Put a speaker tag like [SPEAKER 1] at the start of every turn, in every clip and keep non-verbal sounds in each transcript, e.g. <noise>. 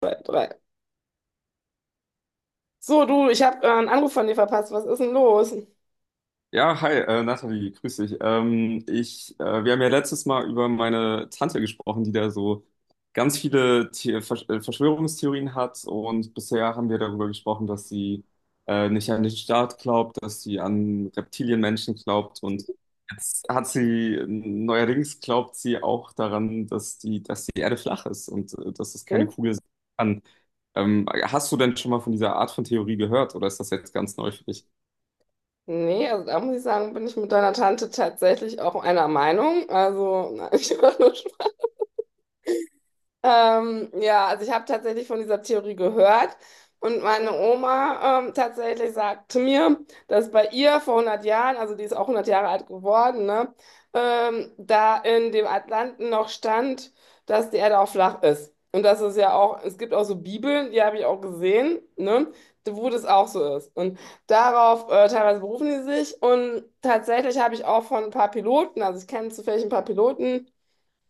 [SPEAKER 1] Zwei, drei. So, du, ich habe einen Anruf von dir verpasst. Was ist denn los?
[SPEAKER 2] Ja, hi, Nathalie, grüß dich. Wir haben ja letztes Mal über meine Tante gesprochen, die da so ganz viele The Versch Verschwörungstheorien hat, und bisher haben wir darüber gesprochen, dass sie nicht an den Staat glaubt, dass sie an Reptilienmenschen glaubt, und jetzt hat sie, neuerdings glaubt sie auch daran, dass die Erde flach ist und dass es keine
[SPEAKER 1] Hm?
[SPEAKER 2] Kugel sein kann. Hast du denn schon mal von dieser Art von Theorie gehört, oder ist das jetzt ganz neu für dich?
[SPEAKER 1] Nee, also da muss ich sagen, bin ich mit deiner Tante tatsächlich auch einer Meinung. Also, <laughs> nein, ich war nur. Ja, also ich habe tatsächlich von dieser Theorie gehört, und meine Oma tatsächlich sagte mir, dass bei ihr vor 100 Jahren, also die ist auch 100 Jahre alt geworden, ne, da in dem Atlanten noch stand, dass die Erde auch flach ist. Und das ist ja auch, es gibt auch so Bibeln, die habe ich auch gesehen, ne, wo das auch so ist. Und darauf teilweise berufen die sich, und tatsächlich habe ich auch von ein paar Piloten, also ich kenne zufällig ein paar Piloten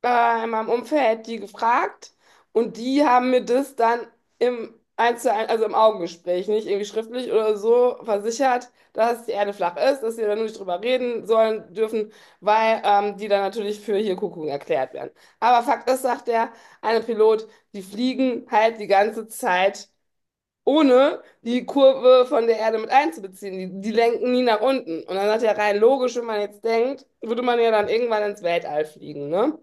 [SPEAKER 1] in meinem Umfeld die gefragt, und die haben mir das dann im eins zu eins, also im Augengespräch, nicht irgendwie schriftlich oder so, versichert, dass die Erde flach ist, dass wir da nur nicht drüber reden sollen dürfen, weil die dann natürlich für hier Kuckuck erklärt werden. Aber Fakt ist, sagt der eine Pilot, die fliegen halt die ganze Zeit, ohne die Kurve von der Erde mit einzubeziehen. Die lenken nie nach unten. Und dann sagt er rein logisch, wenn man jetzt denkt, würde man ja dann irgendwann ins Weltall fliegen, ne?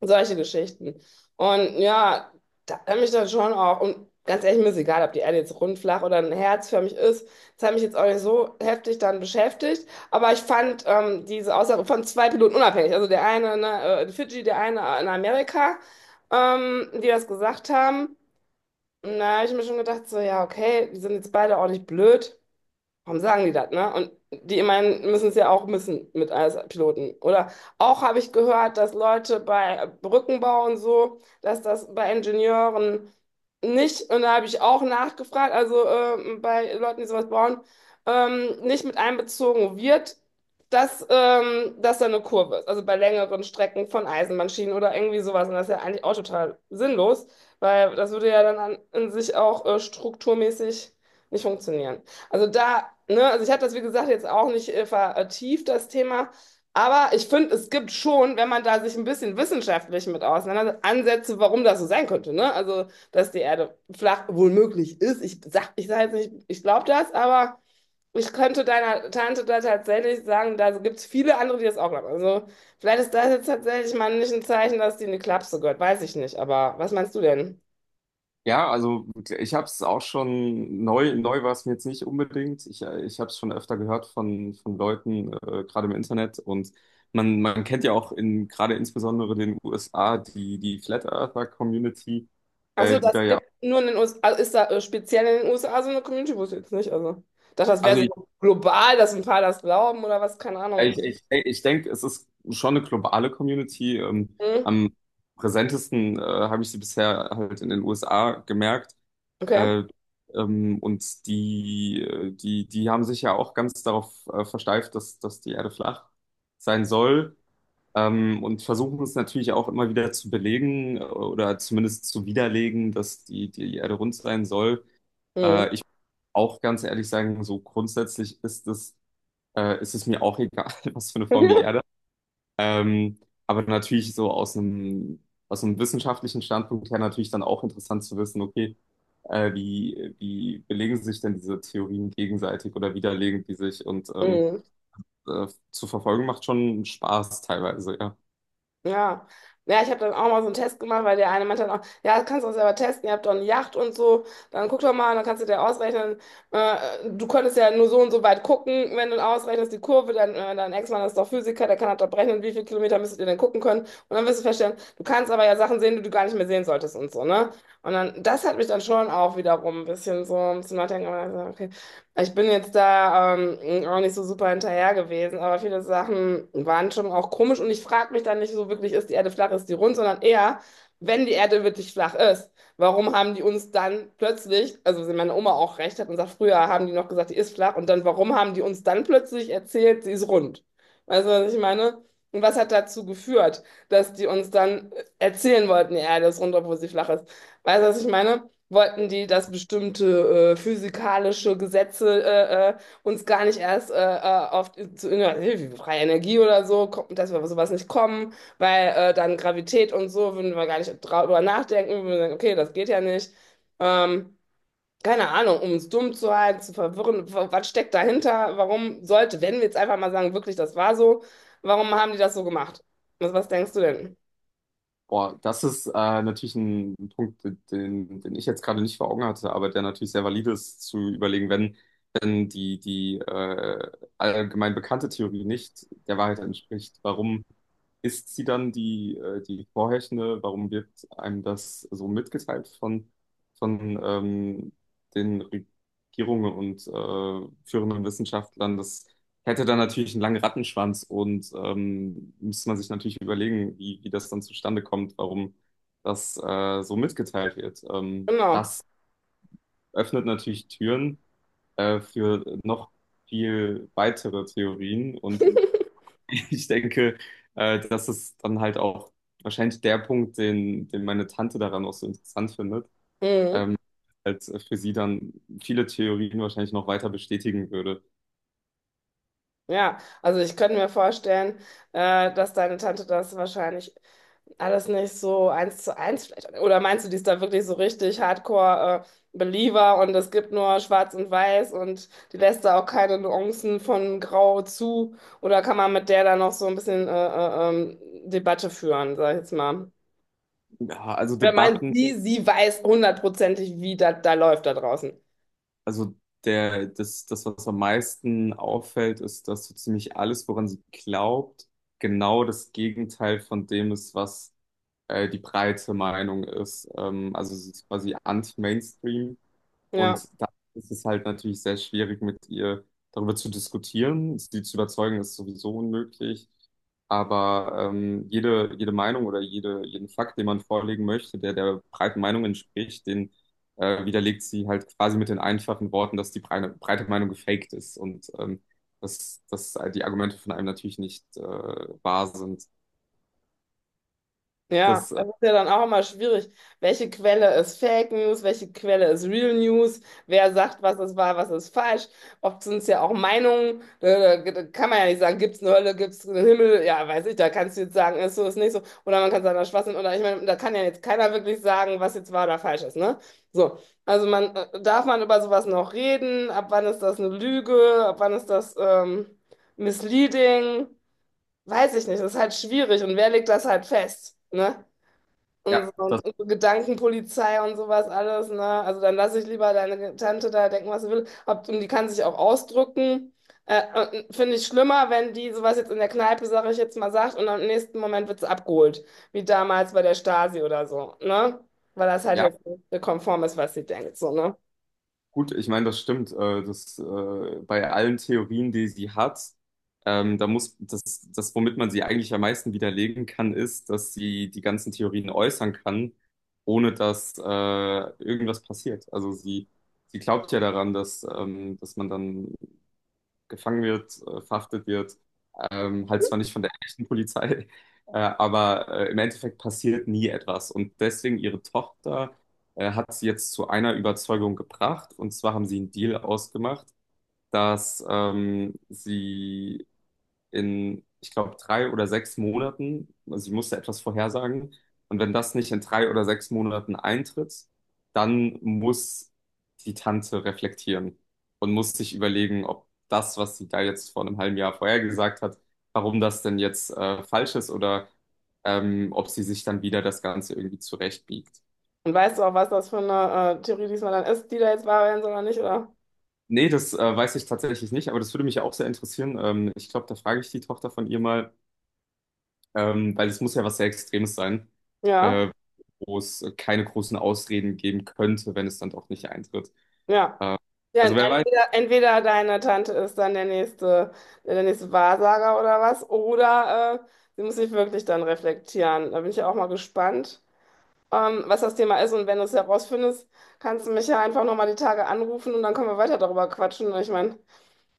[SPEAKER 1] Solche Geschichten. Und ja, da hat mich dann schon auch, und ganz ehrlich, mir ist egal, ob die Erde jetzt rund, flach oder ein Herz für mich ist, das hat mich jetzt auch nicht so heftig dann beschäftigt, aber ich fand diese Aussage von zwei Piloten unabhängig, also der eine ne, in Fidschi, der eine in Amerika, die das gesagt haben, und da habe ich mir schon gedacht, so ja, okay, die sind jetzt beide auch nicht blöd. Warum sagen die das, ne? Und die, ich meine, müssen es ja auch müssen mit als Piloten. Oder auch habe ich gehört, dass Leute bei Brückenbau und so, dass das bei Ingenieuren nicht, und da habe ich auch nachgefragt, also bei Leuten, die sowas bauen, nicht mit einbezogen wird, dass da eine Kurve ist. Also bei längeren Strecken von Eisenbahnschienen oder irgendwie sowas. Und das ist ja eigentlich auch total sinnlos, weil das würde ja dann an, in sich auch strukturmäßig nicht funktionieren. Also da, ne, also ich habe das, wie gesagt, jetzt auch nicht vertieft, das Thema. Aber ich finde, es gibt schon, wenn man da sich ein bisschen wissenschaftlich mit auseinandersetzt, Ansätze, warum das so sein könnte. Ne? Also, dass die Erde flach wohl möglich ist. Ich sage jetzt nicht, ich glaube das, aber ich könnte deiner Tante da tatsächlich sagen, da gibt es viele andere, die das auch glauben. Also, vielleicht ist das jetzt tatsächlich mal nicht ein Zeichen, dass die in die Klapse gehört. Weiß ich nicht. Aber was meinst du denn?
[SPEAKER 2] Ja, also ich habe es auch schon neu, war es mir jetzt nicht unbedingt. Ich habe es schon öfter gehört von Leuten, gerade im Internet. Und man kennt ja auch in gerade insbesondere den USA die Flat Earther Community,
[SPEAKER 1] Also
[SPEAKER 2] die da
[SPEAKER 1] das
[SPEAKER 2] ja.
[SPEAKER 1] gibt nur in den USA, also ist da speziell in den USA so eine Community, wusste ich jetzt nicht. Also, ich dachte, das wäre
[SPEAKER 2] Also
[SPEAKER 1] so global, dass ein paar das glauben oder was, keine
[SPEAKER 2] Ich,
[SPEAKER 1] Ahnung.
[SPEAKER 2] ich, ich denke, es ist schon eine globale Community.
[SPEAKER 1] Hm?
[SPEAKER 2] Am präsentesten habe ich sie bisher halt in den USA gemerkt.
[SPEAKER 1] Okay.
[SPEAKER 2] Äh, und die haben sich ja auch ganz darauf versteift, dass die Erde flach sein soll. Und versuchen es natürlich auch immer wieder zu belegen oder zumindest zu widerlegen, dass die Erde rund sein soll.
[SPEAKER 1] Hm.
[SPEAKER 2] Ich auch ganz ehrlich sagen, so grundsätzlich ist es mir auch egal, <laughs> was für eine Form die Erde hat.
[SPEAKER 1] <laughs>
[SPEAKER 2] Ähm, aber natürlich so aus aus einem wissenschaftlichen Standpunkt her natürlich dann auch interessant zu wissen, okay, wie belegen sich denn diese Theorien gegenseitig oder widerlegen die sich? Und
[SPEAKER 1] Hm.
[SPEAKER 2] zu verfolgen macht schon Spaß teilweise, ja.
[SPEAKER 1] Ja, ja, ich habe dann auch mal so einen Test gemacht, weil der eine meinte dann auch, ja, das kannst du auch selber testen, ihr habt doch eine Yacht und so, dann guck doch mal, dann kannst du dir ausrechnen, äh, du konntest ja nur so und so weit gucken, wenn du ausrechnest die Kurve, dann dein Ex-Mann ist doch Physiker, der kann halt doch berechnen, wie viele Kilometer müsstet ihr denn gucken können, und dann wirst du feststellen, du kannst aber ja Sachen sehen, die du gar nicht mehr sehen solltest und so, ne? Und dann, das hat mich dann schon auch wiederum ein bisschen so zum Nachdenken gemacht, okay, ich bin jetzt da auch nicht so super hinterher gewesen, aber viele Sachen waren schon auch komisch, und ich frage mich dann nicht so wirklich, ist die Erde flach, ist die rund, sondern eher, wenn die Erde wirklich flach ist, warum haben die uns dann plötzlich, also wenn meine Oma auch recht hat und sagt, früher haben die noch gesagt, die ist flach, und dann warum haben die uns dann plötzlich erzählt, sie ist rund? Weißt du, was ich meine? Und was hat dazu geführt, dass die uns dann erzählen wollten, die Erde ist rund, obwohl sie flach ist? Weißt du, was ich meine? Wollten die, dass bestimmte physikalische Gesetze uns gar nicht erst wie freie Energie oder so, kommt, dass wir auf sowas nicht kommen, weil dann Gravität und so würden wir gar nicht drüber nachdenken, würden wir sagen, okay, das geht ja nicht. Ähm, keine Ahnung, um uns dumm zu halten, zu verwirren, was steckt dahinter? Warum sollte, wenn wir jetzt einfach mal sagen, wirklich, das war so, warum haben die das so gemacht? Was, was denkst du denn?
[SPEAKER 2] Boah, das ist natürlich ein Punkt, den ich jetzt gerade nicht vor Augen hatte, aber der natürlich sehr valide ist, zu überlegen, wenn die allgemein bekannte Theorie nicht der Wahrheit entspricht, warum ist sie dann die vorherrschende? Warum wird einem das so mitgeteilt von den Regierungen und führenden Wissenschaftlern, dass hätte dann natürlich einen langen Rattenschwanz und müsste man sich natürlich überlegen, wie das dann zustande kommt, warum das so mitgeteilt wird.
[SPEAKER 1] Genau.
[SPEAKER 2] Das öffnet natürlich Türen für noch viel weitere Theorien, und <laughs> ich denke, das ist dann halt auch wahrscheinlich der Punkt, den meine Tante daran auch so interessant findet,
[SPEAKER 1] Mhm.
[SPEAKER 2] als für sie dann viele Theorien wahrscheinlich noch weiter bestätigen würde.
[SPEAKER 1] Ja, also ich könnte mir vorstellen, dass deine Tante das wahrscheinlich alles nicht so eins zu eins vielleicht. Oder meinst du, die ist da wirklich so richtig Hardcore, Believer, und es gibt nur Schwarz und Weiß und die lässt da auch keine Nuancen von Grau zu? Oder kann man mit der da noch so ein bisschen Debatte führen, sag ich jetzt mal?
[SPEAKER 2] Ja, also
[SPEAKER 1] Wer meint
[SPEAKER 2] Debatten.
[SPEAKER 1] sie, sie weiß hundertprozentig, wie das da läuft da draußen.
[SPEAKER 2] Also was am meisten auffällt, ist, dass so ziemlich alles, woran sie glaubt, genau das Gegenteil von dem ist, was die breite Meinung ist. Also es ist quasi anti-Mainstream.
[SPEAKER 1] Ja.
[SPEAKER 2] Und da ist es halt natürlich sehr schwierig, mit ihr darüber zu diskutieren. Sie zu überzeugen, ist sowieso unmöglich. Aber jede Meinung oder jeden Fakt, den man vorlegen möchte, der der breiten Meinung entspricht, den widerlegt sie halt quasi mit den einfachen Worten, dass die breite Meinung gefaked ist, und dass die Argumente von einem natürlich nicht wahr sind.
[SPEAKER 1] Ja,
[SPEAKER 2] Das, äh,
[SPEAKER 1] das ist ja dann auch immer schwierig. Welche Quelle ist Fake News? Welche Quelle ist Real News? Wer sagt, was ist wahr, was ist falsch? Oft sind es ja auch Meinungen. Da kann man ja nicht sagen, gibt es eine Hölle, gibt es einen Himmel? Ja, weiß ich, da kannst du jetzt sagen, ist so, ist nicht so. Oder man kann sagen, das ist Schwachsinn. Oder ich meine, da kann ja jetzt keiner wirklich sagen, was jetzt wahr oder falsch ist, ne? So. Also man, darf man über sowas noch reden? Ab wann ist das eine Lüge? Ab wann ist das, misleading? Weiß ich nicht. Das ist halt schwierig. Und wer legt das halt fest? Ne?
[SPEAKER 2] ja, das.
[SPEAKER 1] Und so Gedankenpolizei und sowas alles, ne? Also dann lass ich lieber deine Tante da denken, was sie will. Ob, und die kann sich auch ausdrücken. Und finde ich schlimmer, wenn die sowas jetzt in der Kneipe, sage ich jetzt mal, sagt, und am nächsten Moment wird sie abgeholt. Wie damals bei der Stasi oder so, ne? Weil das halt
[SPEAKER 2] Ja,
[SPEAKER 1] jetzt nicht so konform ist, was sie denkt, so, ne?
[SPEAKER 2] gut, ich meine, das stimmt. Bei allen Theorien, die sie hat, da muss das, womit man sie eigentlich am meisten widerlegen kann, ist, dass sie die ganzen Theorien äußern kann, ohne dass irgendwas passiert. Also sie glaubt ja daran, dass, dass man dann gefangen wird, verhaftet wird. Halt zwar nicht von der echten Polizei, <laughs> aber im Endeffekt passiert nie etwas. Und deswegen ihre Tochter hat sie jetzt zu einer Überzeugung gebracht. Und zwar haben sie einen Deal ausgemacht, dass sie in, ich glaube, drei oder sechs Monaten. Also ich musste etwas vorhersagen. Und wenn das nicht in drei oder sechs Monaten eintritt, dann muss die Tante reflektieren und muss sich überlegen, ob das, was sie da jetzt vor einem halben Jahr vorhergesagt hat, warum das denn jetzt falsch ist oder ob sie sich dann wieder das Ganze irgendwie zurechtbiegt.
[SPEAKER 1] Und weißt du auch, was das für eine Theorie diesmal dann ist, die da jetzt wahr werden soll oder nicht, oder?
[SPEAKER 2] Nee, das weiß ich tatsächlich nicht, aber das würde mich ja auch sehr interessieren. Ich glaube, da frage ich die Tochter von ihr mal, weil es muss ja was sehr Extremes sein,
[SPEAKER 1] Ja.
[SPEAKER 2] äh, wo es keine großen Ausreden geben könnte, wenn es dann doch nicht eintritt.
[SPEAKER 1] Ja.
[SPEAKER 2] Äh,
[SPEAKER 1] Ja,
[SPEAKER 2] also wer weiß,
[SPEAKER 1] entweder, entweder deine Tante ist dann der nächste Wahrsager oder was, oder sie muss sich wirklich dann reflektieren. Da bin ich ja auch mal gespannt, was das Thema ist. Und wenn du es herausfindest, kannst du mich ja einfach nochmal die Tage anrufen und dann können wir weiter darüber quatschen. Ich meine,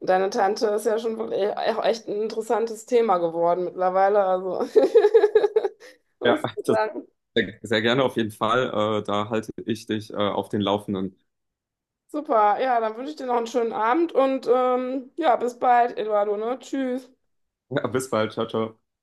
[SPEAKER 1] deine Tante ist ja schon wirklich auch echt ein interessantes Thema geworden mittlerweile. Also, <laughs>
[SPEAKER 2] ja,
[SPEAKER 1] muss
[SPEAKER 2] <laughs>
[SPEAKER 1] ich
[SPEAKER 2] das
[SPEAKER 1] sagen,
[SPEAKER 2] sehr, sehr gerne auf jeden Fall. Da halte ich dich auf den Laufenden. <laughs>
[SPEAKER 1] super. Ja, dann wünsche ich dir noch einen schönen Abend und ja, bis bald, Eduardo, ne? Tschüss.
[SPEAKER 2] Ja, bis bald, ciao, ciao.